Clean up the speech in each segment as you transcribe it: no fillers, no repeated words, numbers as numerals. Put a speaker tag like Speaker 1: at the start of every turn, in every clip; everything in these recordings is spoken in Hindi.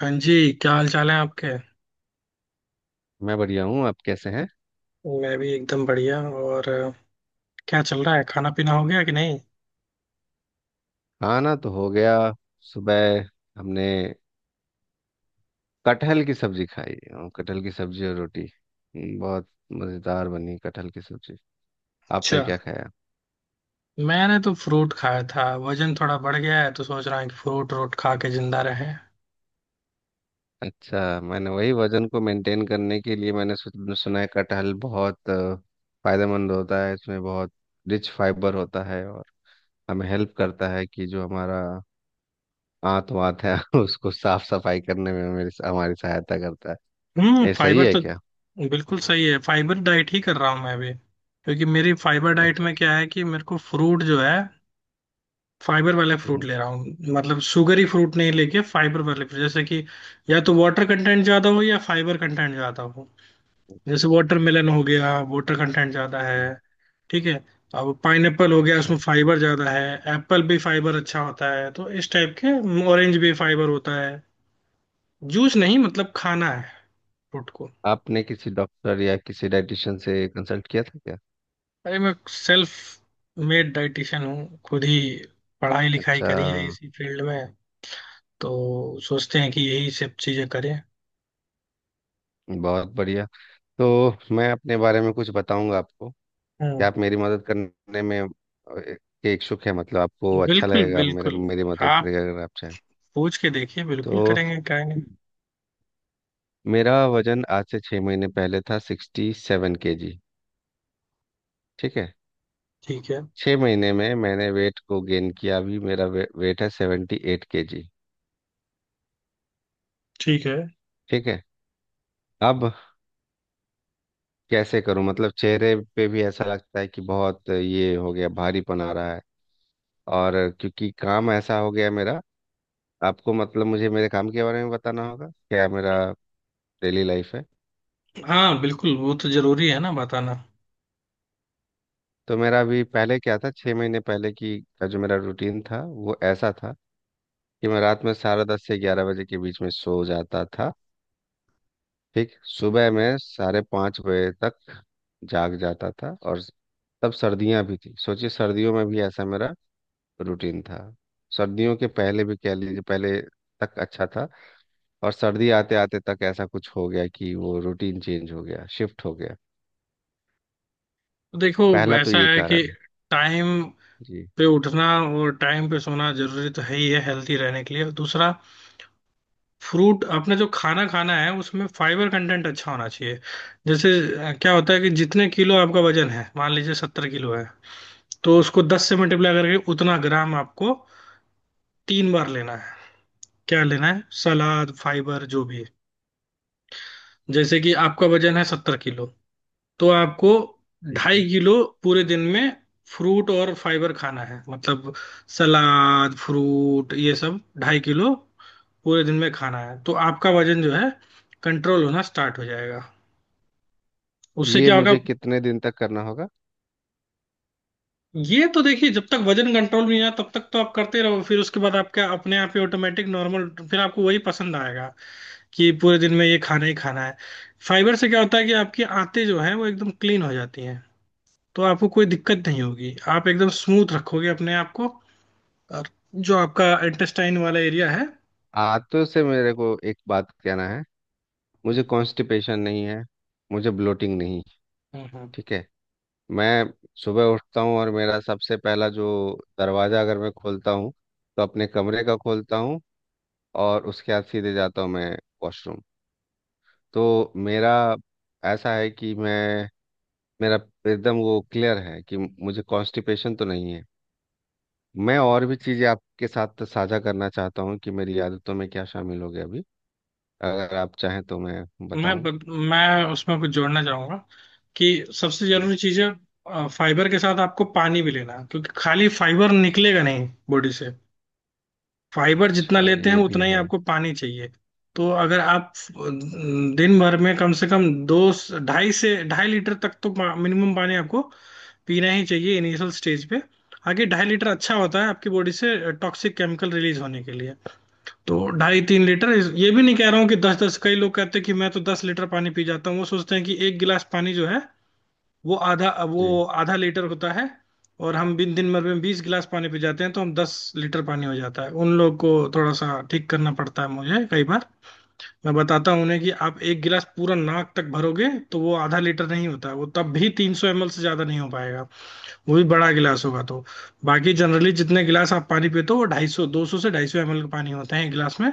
Speaker 1: हाँ जी। क्या हाल चाल है आपके?
Speaker 2: मैं बढ़िया हूँ। आप कैसे हैं?
Speaker 1: मैं भी एकदम बढ़िया। और क्या चल रहा है, खाना पीना हो गया कि नहीं?
Speaker 2: खाना तो हो गया। सुबह हमने कटहल की सब्जी खाई, और कटहल की सब्जी और रोटी। बहुत मज़ेदार बनी कटहल की सब्जी। आपने
Speaker 1: अच्छा।
Speaker 2: क्या खाया?
Speaker 1: मैंने तो फ्रूट खाया था, वजन थोड़ा बढ़ गया है तो सोच रहा हूँ कि फ्रूट रोट खा के जिंदा रहे।
Speaker 2: अच्छा, मैंने वही वजन को मेंटेन करने के लिए मैंने सुना है कटहल बहुत फायदेमंद होता है। इसमें बहुत रिच फाइबर होता है, और हमें हेल्प करता है कि जो हमारा आंत वात है उसको साफ सफाई करने में मेरी हमारी सहायता करता है।
Speaker 1: हम्म।
Speaker 2: ये सही
Speaker 1: फाइबर
Speaker 2: है
Speaker 1: तो
Speaker 2: क्या?
Speaker 1: बिल्कुल सही है, फाइबर डाइट ही कर रहा हूँ मैं भी क्योंकि मेरी फाइबर डाइट
Speaker 2: अच्छा
Speaker 1: में
Speaker 2: अच्छा।
Speaker 1: क्या है कि मेरे को फ्रूट जो है फाइबर वाले फ्रूट
Speaker 2: हम्म,
Speaker 1: ले रहा हूँ, मतलब शुगरी फ्रूट नहीं लेके फाइबर वाले fruit। जैसे कि या तो वाटर कंटेंट ज्यादा हो या फाइबर कंटेंट ज्यादा हो।
Speaker 2: अच्छा
Speaker 1: जैसे
Speaker 2: अच्छा।
Speaker 1: वाटरमेलन हो गया, वाटर कंटेंट ज्यादा
Speaker 2: हम्म।
Speaker 1: है। ठीक है। अब पाइनएप्पल हो गया,
Speaker 2: अच्छा।
Speaker 1: उसमें फाइबर ज्यादा है। एप्पल भी फाइबर अच्छा होता है तो इस टाइप के। ऑरेंज भी फाइबर होता है। जूस नहीं, मतलब खाना है फ्रूट को।
Speaker 2: आपने किसी डॉक्टर या किसी डाइटिशियन से कंसल्ट किया था क्या?
Speaker 1: अरे मैं सेल्फ मेड डाइटिशियन हूँ, खुद ही पढ़ाई लिखाई
Speaker 2: अच्छा।
Speaker 1: करी है इसी फील्ड में। तो सोचते हैं कि यही सब चीजें करें।
Speaker 2: बहुत बढ़िया। तो मैं अपने बारे में कुछ बताऊंगा आपको। क्या
Speaker 1: हम्म।
Speaker 2: आप मेरी मदद करने में के इच्छुक है? मतलब आपको अच्छा
Speaker 1: बिल्कुल
Speaker 2: लगेगा मेरे
Speaker 1: बिल्कुल।
Speaker 2: मेरी मदद
Speaker 1: आप
Speaker 2: करेगा अगर आप चाहें।
Speaker 1: पूछ के देखिए,
Speaker 2: तो
Speaker 1: बिल्कुल करेंगे क्या नहीं।
Speaker 2: मेरा वजन आज से 6 महीने पहले था 67 kg। ठीक है?
Speaker 1: ठीक है।
Speaker 2: 6 महीने में मैंने वेट को गेन किया, अभी मेरा वेट है 78 kg।
Speaker 1: ठीक है।
Speaker 2: ठीक है। अब कैसे करूं? मतलब चेहरे पे भी ऐसा लगता है कि बहुत ये हो गया, भारीपन आ रहा है। और क्योंकि काम ऐसा हो गया मेरा, आपको मतलब मुझे मेरे काम के बारे में बताना होगा क्या मेरा डेली लाइफ है।
Speaker 1: हाँ बिल्कुल, वो तो जरूरी है ना बताना।
Speaker 2: तो मेरा अभी पहले क्या था, 6 महीने पहले की का जो मेरा रूटीन था, वो ऐसा था कि मैं रात में 10:30 से 11 बजे के बीच में सो जाता था। ठीक। सुबह में 5:30 बजे तक जाग जाता था। और तब सर्दियां भी थी, सोचिए सर्दियों में भी ऐसा मेरा रूटीन था। सर्दियों के पहले भी कह लीजिए, पहले तक अच्छा था। और सर्दी आते आते तक ऐसा कुछ हो गया कि वो रूटीन चेंज हो गया, शिफ्ट हो गया।
Speaker 1: देखो,
Speaker 2: पहला तो
Speaker 1: ऐसा
Speaker 2: ये
Speaker 1: है कि
Speaker 2: कारण है।
Speaker 1: टाइम
Speaker 2: जी।
Speaker 1: पे उठना और टाइम पे सोना जरूरी तो है ही है हेल्थी रहने के लिए, और दूसरा फ्रूट अपने जो खाना खाना है उसमें फाइबर कंटेंट अच्छा होना चाहिए। जैसे क्या होता है कि जितने किलो आपका वजन है, मान लीजिए 70 किलो है तो उसको 10 से मल्टीप्लाई करके उतना ग्राम आपको तीन बार लेना है। क्या लेना है? सलाद, फाइबर, जो भी। जैसे कि आपका वजन है 70 किलो, तो आपको
Speaker 2: ठीक है।
Speaker 1: 2.5 किलो पूरे दिन में फ्रूट और फाइबर खाना है, मतलब सलाद, फ्रूट, ये सब 2.5 किलो पूरे दिन में खाना है तो आपका वजन जो है कंट्रोल होना स्टार्ट हो जाएगा। उससे
Speaker 2: ये
Speaker 1: क्या होगा?
Speaker 2: मुझे कितने दिन तक करना होगा?
Speaker 1: ये तो देखिए, जब तक वजन कंट्रोल नहीं आया तब तक तो आप करते रहो, फिर उसके बाद आपका अपने आप ही ऑटोमेटिक नॉर्मल, फिर आपको वही पसंद आएगा कि पूरे दिन में ये खाना ही खाना है। फाइबर से क्या होता है कि आपकी आंतें जो हैं वो एकदम क्लीन हो जाती हैं, तो आपको कोई दिक्कत नहीं होगी, आप एकदम स्मूथ रखोगे अपने आप को, और जो आपका इंटेस्टाइन वाला एरिया है।
Speaker 2: आंतों से मेरे को एक बात कहना है, मुझे कॉन्स्टिपेशन नहीं है, मुझे ब्लोटिंग नहीं।
Speaker 1: हम्म, हम्म।
Speaker 2: ठीक है। मैं सुबह उठता हूँ और मेरा सबसे पहला जो दरवाज़ा अगर मैं खोलता हूँ तो अपने कमरे का खोलता हूँ, और उसके बाद सीधे जाता हूँ मैं वॉशरूम। तो मेरा ऐसा है कि मैं, मेरा एकदम वो क्लियर है कि मुझे कॉन्स्टिपेशन तो नहीं है। मैं और भी चीज़ें आपके साथ साझा करना चाहता हूँ कि मेरी आदतों में क्या शामिल हो गया अभी। अगर आप चाहें तो मैं
Speaker 1: मैं
Speaker 2: बताऊं।
Speaker 1: ब- मैं उसमें कुछ जोड़ना चाहूंगा कि सबसे
Speaker 2: जी।
Speaker 1: जरूरी चीज है, फाइबर के साथ आपको पानी भी लेना है, क्योंकि खाली फाइबर निकलेगा नहीं बॉडी से। फाइबर जितना
Speaker 2: अच्छा,
Speaker 1: लेते हैं
Speaker 2: ये भी
Speaker 1: उतना ही
Speaker 2: है।
Speaker 1: आपको पानी चाहिए। तो अगर आप दिन भर में कम से कम दो, 2.5 से 2.5 लीटर तक तो मिनिमम पानी आपको पीना ही चाहिए इनिशियल स्टेज पे। आगे 2.5 लीटर अच्छा होता है आपकी बॉडी से टॉक्सिक केमिकल रिलीज होने के लिए। तो 2.5 से 3 लीटर, ये भी नहीं कह रहा हूँ कि दस दस। कई लोग कहते हैं कि मैं तो 10 लीटर पानी पी जाता हूँ, वो सोचते हैं कि एक गिलास पानी जो है वो आधा वो
Speaker 2: जी।
Speaker 1: आधा लीटर होता है, और हम बिन दिन भर में 20 गिलास पानी पी जाते हैं तो हम 10 लीटर पानी हो जाता है। उन लोग को थोड़ा सा ठीक करना पड़ता है मुझे कई बार। मैं बताता हूँ उन्हें कि आप एक गिलास पूरा नाक तक भरोगे तो वो आधा लीटर नहीं होता है, वो तब भी 300 ml से ज्यादा नहीं हो पाएगा। वो भी बड़ा गिलास होगा तो। बाकी जनरली जितने गिलास आप पानी पीते हो वो 250, 200 से 250 ml का पानी होता है एक गिलास में।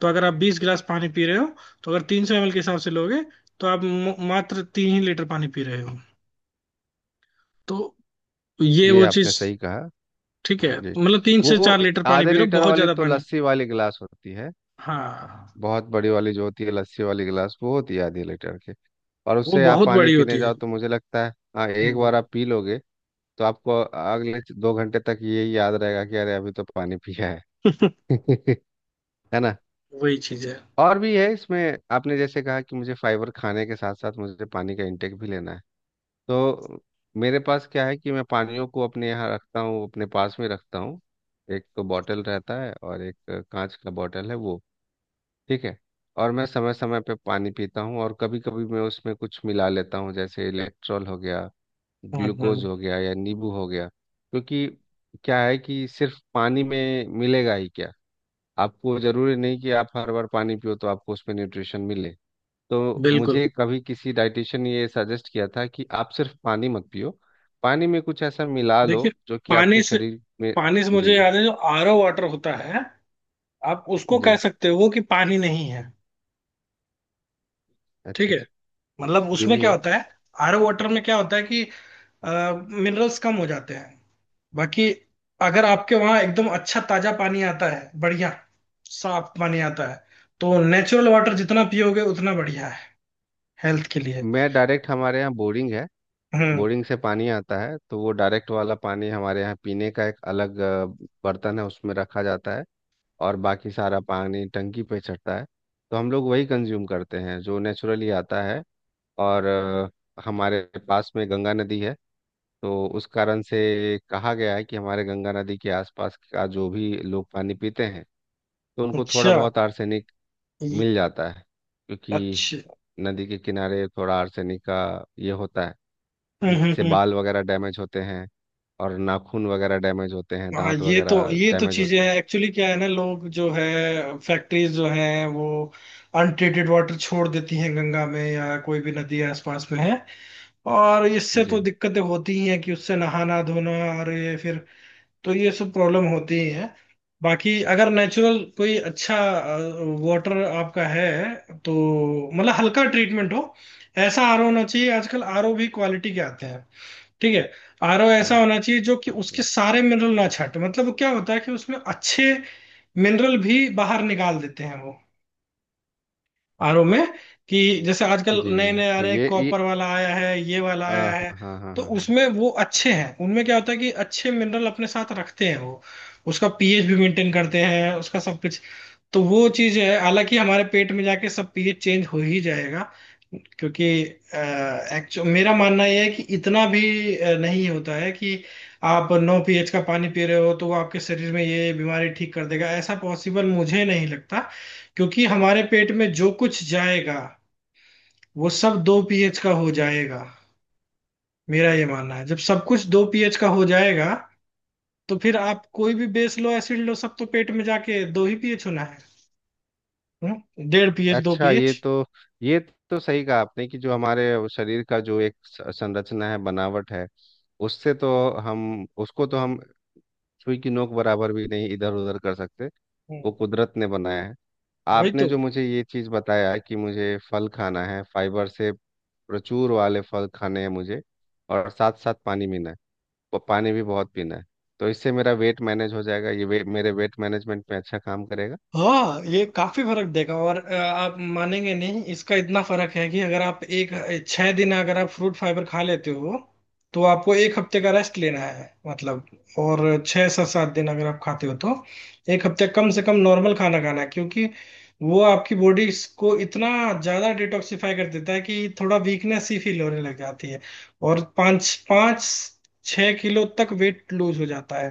Speaker 1: तो अगर आप 20 गिलास पानी पी रहे हो, तो अगर 300 ml के हिसाब से लोगे, तो आप मात्र 3 ही लीटर पानी पी रहे हो। तो ये
Speaker 2: ये
Speaker 1: वो
Speaker 2: आपने
Speaker 1: चीज।
Speaker 2: सही कहा।
Speaker 1: ठीक है,
Speaker 2: जी।
Speaker 1: मतलब तीन से चार
Speaker 2: वो
Speaker 1: लीटर पानी पी
Speaker 2: आधे
Speaker 1: रहे हो,
Speaker 2: लीटर
Speaker 1: बहुत
Speaker 2: वाली
Speaker 1: ज्यादा
Speaker 2: तो
Speaker 1: पानी।
Speaker 2: लस्सी वाली गिलास होती है।
Speaker 1: हाँ,
Speaker 2: बहुत बड़ी वाली जो होती है लस्सी वाली गिलास, वो होती है आधे लीटर की। और
Speaker 1: वो
Speaker 2: उससे आप
Speaker 1: बहुत
Speaker 2: पानी
Speaker 1: बड़ी होती
Speaker 2: पीने
Speaker 1: है।
Speaker 2: जाओ तो मुझे लगता है, हाँ एक
Speaker 1: हम्म।
Speaker 2: बार आप पी लोगे तो आपको अगले 2 घंटे तक ये याद रहेगा कि अरे अभी तो पानी पिया है। है ना?
Speaker 1: वही चीज है।
Speaker 2: और भी है इसमें। आपने जैसे कहा कि मुझे फाइबर खाने के साथ साथ मुझे पानी का इंटेक भी लेना है। तो मेरे पास क्या है कि मैं पानियों को अपने यहाँ रखता हूँ, अपने पास में रखता हूँ। एक तो बॉटल रहता है और एक कांच का बॉटल है, वो। ठीक है। और मैं समय समय पे पानी पीता हूँ, और कभी कभी मैं उसमें कुछ मिला लेता हूँ, जैसे इलेक्ट्रॉल हो गया,
Speaker 1: हाँ हाँ।
Speaker 2: ग्लूकोज हो गया या नींबू हो गया। क्योंकि क्या है कि सिर्फ पानी में मिलेगा ही क्या? आपको जरूरी नहीं कि आप हर बार पानी पियो तो आपको उसमें न्यूट्रिशन मिले। तो
Speaker 1: बिल्कुल।
Speaker 2: मुझे कभी किसी डाइटिशियन ने ये सजेस्ट किया था कि आप सिर्फ पानी मत पियो, पानी में कुछ ऐसा मिला
Speaker 1: देखिए,
Speaker 2: लो जो कि आपके
Speaker 1: पानी से
Speaker 2: शरीर में।
Speaker 1: पानी से मुझे
Speaker 2: जी।
Speaker 1: याद है जो आरओ वाटर होता है, आप उसको
Speaker 2: जी।
Speaker 1: कह सकते हो कि पानी नहीं है। ठीक
Speaker 2: अच्छा
Speaker 1: है।
Speaker 2: अच्छा।
Speaker 1: मतलब
Speaker 2: ये
Speaker 1: उसमें
Speaker 2: भी
Speaker 1: क्या
Speaker 2: है।
Speaker 1: होता है, आरओ वाटर में क्या होता है कि मिनरल्स कम हो जाते हैं। बाकी अगर आपके वहां एकदम अच्छा ताजा पानी आता है बढ़िया, साफ पानी आता है, तो नेचुरल वाटर जितना पियोगे उतना बढ़िया है हेल्थ के लिए।
Speaker 2: मैं डायरेक्ट, हमारे यहाँ बोरिंग है।
Speaker 1: हम्म।
Speaker 2: बोरिंग से पानी आता है, तो वो डायरेक्ट वाला पानी हमारे यहाँ पीने का एक अलग बर्तन है, उसमें रखा जाता है। और बाकी सारा पानी टंकी पे चढ़ता है। तो हम लोग वही कंज्यूम करते हैं जो नेचुरली आता है। और हमारे पास में गंगा नदी है। तो उस कारण से कहा गया है कि हमारे गंगा नदी के आसपास का जो भी लोग पानी पीते हैं, तो उनको थोड़ा
Speaker 1: अच्छा
Speaker 2: बहुत आर्सेनिक
Speaker 1: ये-
Speaker 2: मिल जाता है। क्योंकि
Speaker 1: अच्छा।
Speaker 2: नदी के किनारे थोड़ा आर्सेनिक का ये होता है, जिससे बाल वगैरह डैमेज होते हैं, और नाखून वगैरह डैमेज होते हैं,
Speaker 1: हाँ,
Speaker 2: दांत वगैरह
Speaker 1: ये तो
Speaker 2: डैमेज
Speaker 1: चीजें
Speaker 2: होते
Speaker 1: हैं, एक्चुअली क्या है ना, लोग जो है फैक्ट्रीज जो हैं वो अनट्रीटेड वाटर छोड़ देती हैं गंगा में या कोई भी नदी आसपास में है, और
Speaker 2: हैं।
Speaker 1: इससे तो
Speaker 2: जी।
Speaker 1: दिक्कतें होती ही हैं कि उससे नहाना धोना और ये, फिर तो ये सब प्रॉब्लम होती ही है। बाकी अगर नेचुरल कोई अच्छा वाटर आपका है, तो मतलब हल्का ट्रीटमेंट हो, ऐसा आरओ होना चाहिए। आजकल आरओ भी क्वालिटी के आते हैं। ठीक है। आरओ
Speaker 2: हाँ,
Speaker 1: ऐसा
Speaker 2: ओके
Speaker 1: होना चाहिए जो कि
Speaker 2: ठीक है।
Speaker 1: उसके सारे मिनरल ना छांटे, मतलब वो क्या होता है कि उसमें अच्छे मिनरल भी बाहर निकाल देते हैं वो आरओ में, कि जैसे आजकल
Speaker 2: जी।
Speaker 1: नए नए आ
Speaker 2: हो
Speaker 1: रहे हैं,
Speaker 2: ये,
Speaker 1: कॉपर वाला आया है, ये वाला आया
Speaker 2: हाँ।
Speaker 1: है।
Speaker 2: हाँ हाँ हाँ
Speaker 1: तो
Speaker 2: हाँ हाँ
Speaker 1: उसमें वो अच्छे हैं, उनमें क्या होता है कि अच्छे मिनरल अपने साथ रखते हैं वो, उसका पीएच भी मेंटेन करते हैं, उसका सब कुछ। तो वो चीज है, हालांकि हमारे पेट में जाके सब पीएच चेंज हो ही जाएगा, क्योंकि एक्चुअल मेरा मानना यह है कि इतना भी नहीं होता है कि आप 9 pH का पानी पी रहे हो तो वो आपके शरीर में ये बीमारी ठीक कर देगा, ऐसा पॉसिबल मुझे नहीं लगता। क्योंकि हमारे पेट में जो कुछ जाएगा वो सब 2 pH का हो जाएगा। मेरा ये मानना है जब सब कुछ 2 pH का हो जाएगा, तो फिर आप कोई भी बेस लो एसिड लो, सब तो पेट में जाके 2 ही pH होना है। हम्म? 1.5 pH, दो
Speaker 2: अच्छा, ये
Speaker 1: पीएच
Speaker 2: तो ये तो सही कहा आपने कि जो हमारे वो शरीर का जो एक संरचना है, बनावट है, उससे तो हम उसको तो हम सुई की नोक बराबर भी नहीं इधर उधर कर सकते। वो कुदरत ने बनाया है।
Speaker 1: वही
Speaker 2: आपने
Speaker 1: तो।
Speaker 2: जो मुझे ये चीज़ बताया कि मुझे फल खाना है, फाइबर से प्रचुर वाले फल खाने हैं मुझे, और साथ साथ पानी पीना है, वो पानी भी बहुत पीना है, तो इससे मेरा वेट मैनेज हो जाएगा। ये मेरे वेट मैनेजमेंट में अच्छा काम करेगा।
Speaker 1: हाँ ये काफी फर्क देगा, और आप मानेंगे नहीं इसका, इतना फर्क है कि अगर आप एक 6 दिन अगर आप फ्रूट फाइबर खा लेते हो तो आपको एक हफ्ते का रेस्ट लेना है, मतलब, और 6 से 7 दिन अगर आप खाते हो तो एक हफ्ते कम से कम नॉर्मल खाना खाना है, क्योंकि वो आपकी बॉडी को इतना ज्यादा डिटॉक्सिफाई कर देता है कि थोड़ा वीकनेस ही फील होने लग जाती है, और पाँच पाँच 6 किलो तक वेट लूज हो जाता है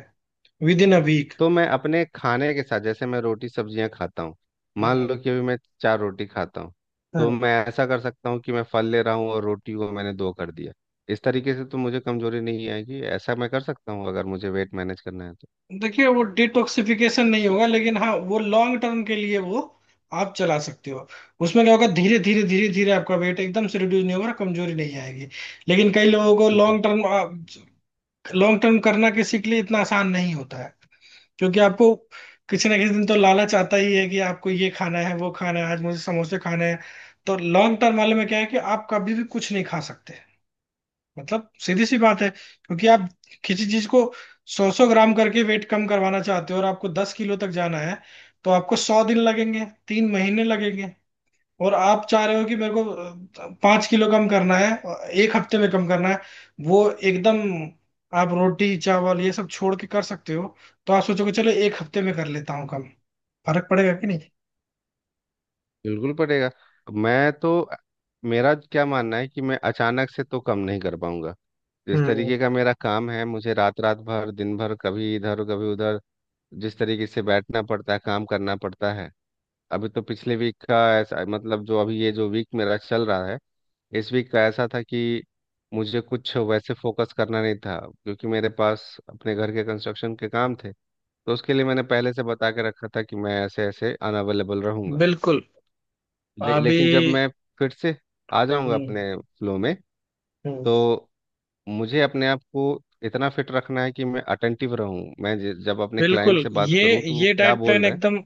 Speaker 1: विद इन अ वीक।
Speaker 2: तो मैं अपने खाने के साथ, जैसे मैं रोटी सब्जियां खाता हूँ, मान लो कि अभी मैं चार रोटी खाता हूँ, तो मैं ऐसा कर सकता हूँ कि मैं फल ले रहा हूँ और रोटी को मैंने दो कर दिया। इस तरीके से तो मुझे कमजोरी नहीं आएगी। ऐसा मैं कर सकता हूँ, अगर मुझे वेट मैनेज करना है तो।
Speaker 1: देखिए वो डिटॉक्सिफिकेशन नहीं होगा, लेकिन हाँ वो लॉन्ग टर्म के लिए वो आप चला सकते हो। उसमें क्या होगा, धीरे धीरे आपका वेट एकदम से रिड्यूस नहीं होगा, कमजोरी नहीं आएगी। लेकिन कई लोगों को
Speaker 2: जी।
Speaker 1: लॉन्ग टर्म करना किसी के लिए इतना आसान नहीं होता है, क्योंकि आपको किसी ना किसी दिन तो लालच आता ही है कि आपको ये खाना है वो खाना है, आज मुझे समोसे खाने हैं। तो लॉन्ग टर्म वाले में क्या है कि आप कभी भी कुछ नहीं खा सकते, मतलब सीधी सी बात है। क्योंकि आप किसी चीज को सौ सौ ग्राम करके वेट कम करवाना चाहते हो और आपको 10 किलो तक जाना है, तो आपको 100 दिन लगेंगे, 3 महीने लगेंगे। और आप चाह रहे हो कि मेरे को 5 किलो कम करना है, एक हफ्ते में कम करना है। वो एकदम, आप रोटी चावल ये सब छोड़ के कर सकते हो, तो आप सोचोगे चलो एक हफ्ते में कर लेता हूँ कम। फर्क पड़ेगा कि नहीं?
Speaker 2: बिल्कुल पड़ेगा। मैं तो, मेरा क्या मानना है कि मैं अचानक से तो कम नहीं कर पाऊंगा। जिस
Speaker 1: हम्म,
Speaker 2: तरीके का मेरा काम है, मुझे रात रात भर दिन भर कभी इधर कभी उधर, जिस तरीके से बैठना पड़ता है, काम करना पड़ता है। अभी तो पिछले वीक का ऐसा, मतलब जो अभी ये जो वीक मेरा चल रहा है, इस वीक का ऐसा था कि मुझे कुछ वैसे फोकस करना नहीं था, क्योंकि मेरे पास अपने घर के कंस्ट्रक्शन के काम थे। तो उसके लिए मैंने पहले से बता के रखा था कि मैं ऐसे ऐसे अनअवेलेबल रहूंगा।
Speaker 1: बिल्कुल।
Speaker 2: ले,
Speaker 1: अभी।
Speaker 2: लेकिन जब मैं फिर से आ जाऊंगा
Speaker 1: हम्म।
Speaker 2: अपने फ्लो में,
Speaker 1: हम्म,
Speaker 2: तो मुझे अपने आप को इतना फिट रखना है कि मैं अटेंटिव रहूं। मैं जब अपने क्लाइंट
Speaker 1: बिल्कुल।
Speaker 2: से बात
Speaker 1: ये
Speaker 2: करूं तो वो
Speaker 1: ये
Speaker 2: क्या
Speaker 1: डाइट
Speaker 2: बोल
Speaker 1: प्लान
Speaker 2: रहे
Speaker 1: एकदम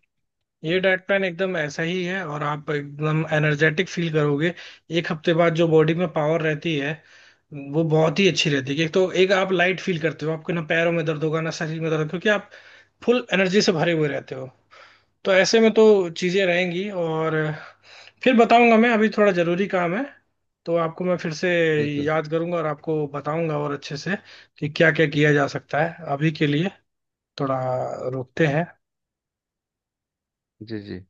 Speaker 1: ये
Speaker 2: हैं।
Speaker 1: डाइट प्लान एकदम ऐसा ही है और आप एकदम एनर्जेटिक फील करोगे, एक हफ्ते बाद जो बॉडी में पावर रहती है वो बहुत ही अच्छी रहती है। एक तो एक आप लाइट फील करते हो, आपके ना पैरों में दर्द होगा ना शरीर में दर्द होगा, क्योंकि आप फुल एनर्जी से भरे हुए रहते हो। तो ऐसे में तो चीजें रहेंगी, और फिर बताऊंगा। मैं अभी थोड़ा जरूरी काम है, तो आपको मैं फिर से
Speaker 2: बिल्कुल।
Speaker 1: याद करूंगा और आपको बताऊंगा और अच्छे से, कि क्या क्या किया जा सकता है। अभी के लिए थोड़ा रोकते हैं।
Speaker 2: जी जी।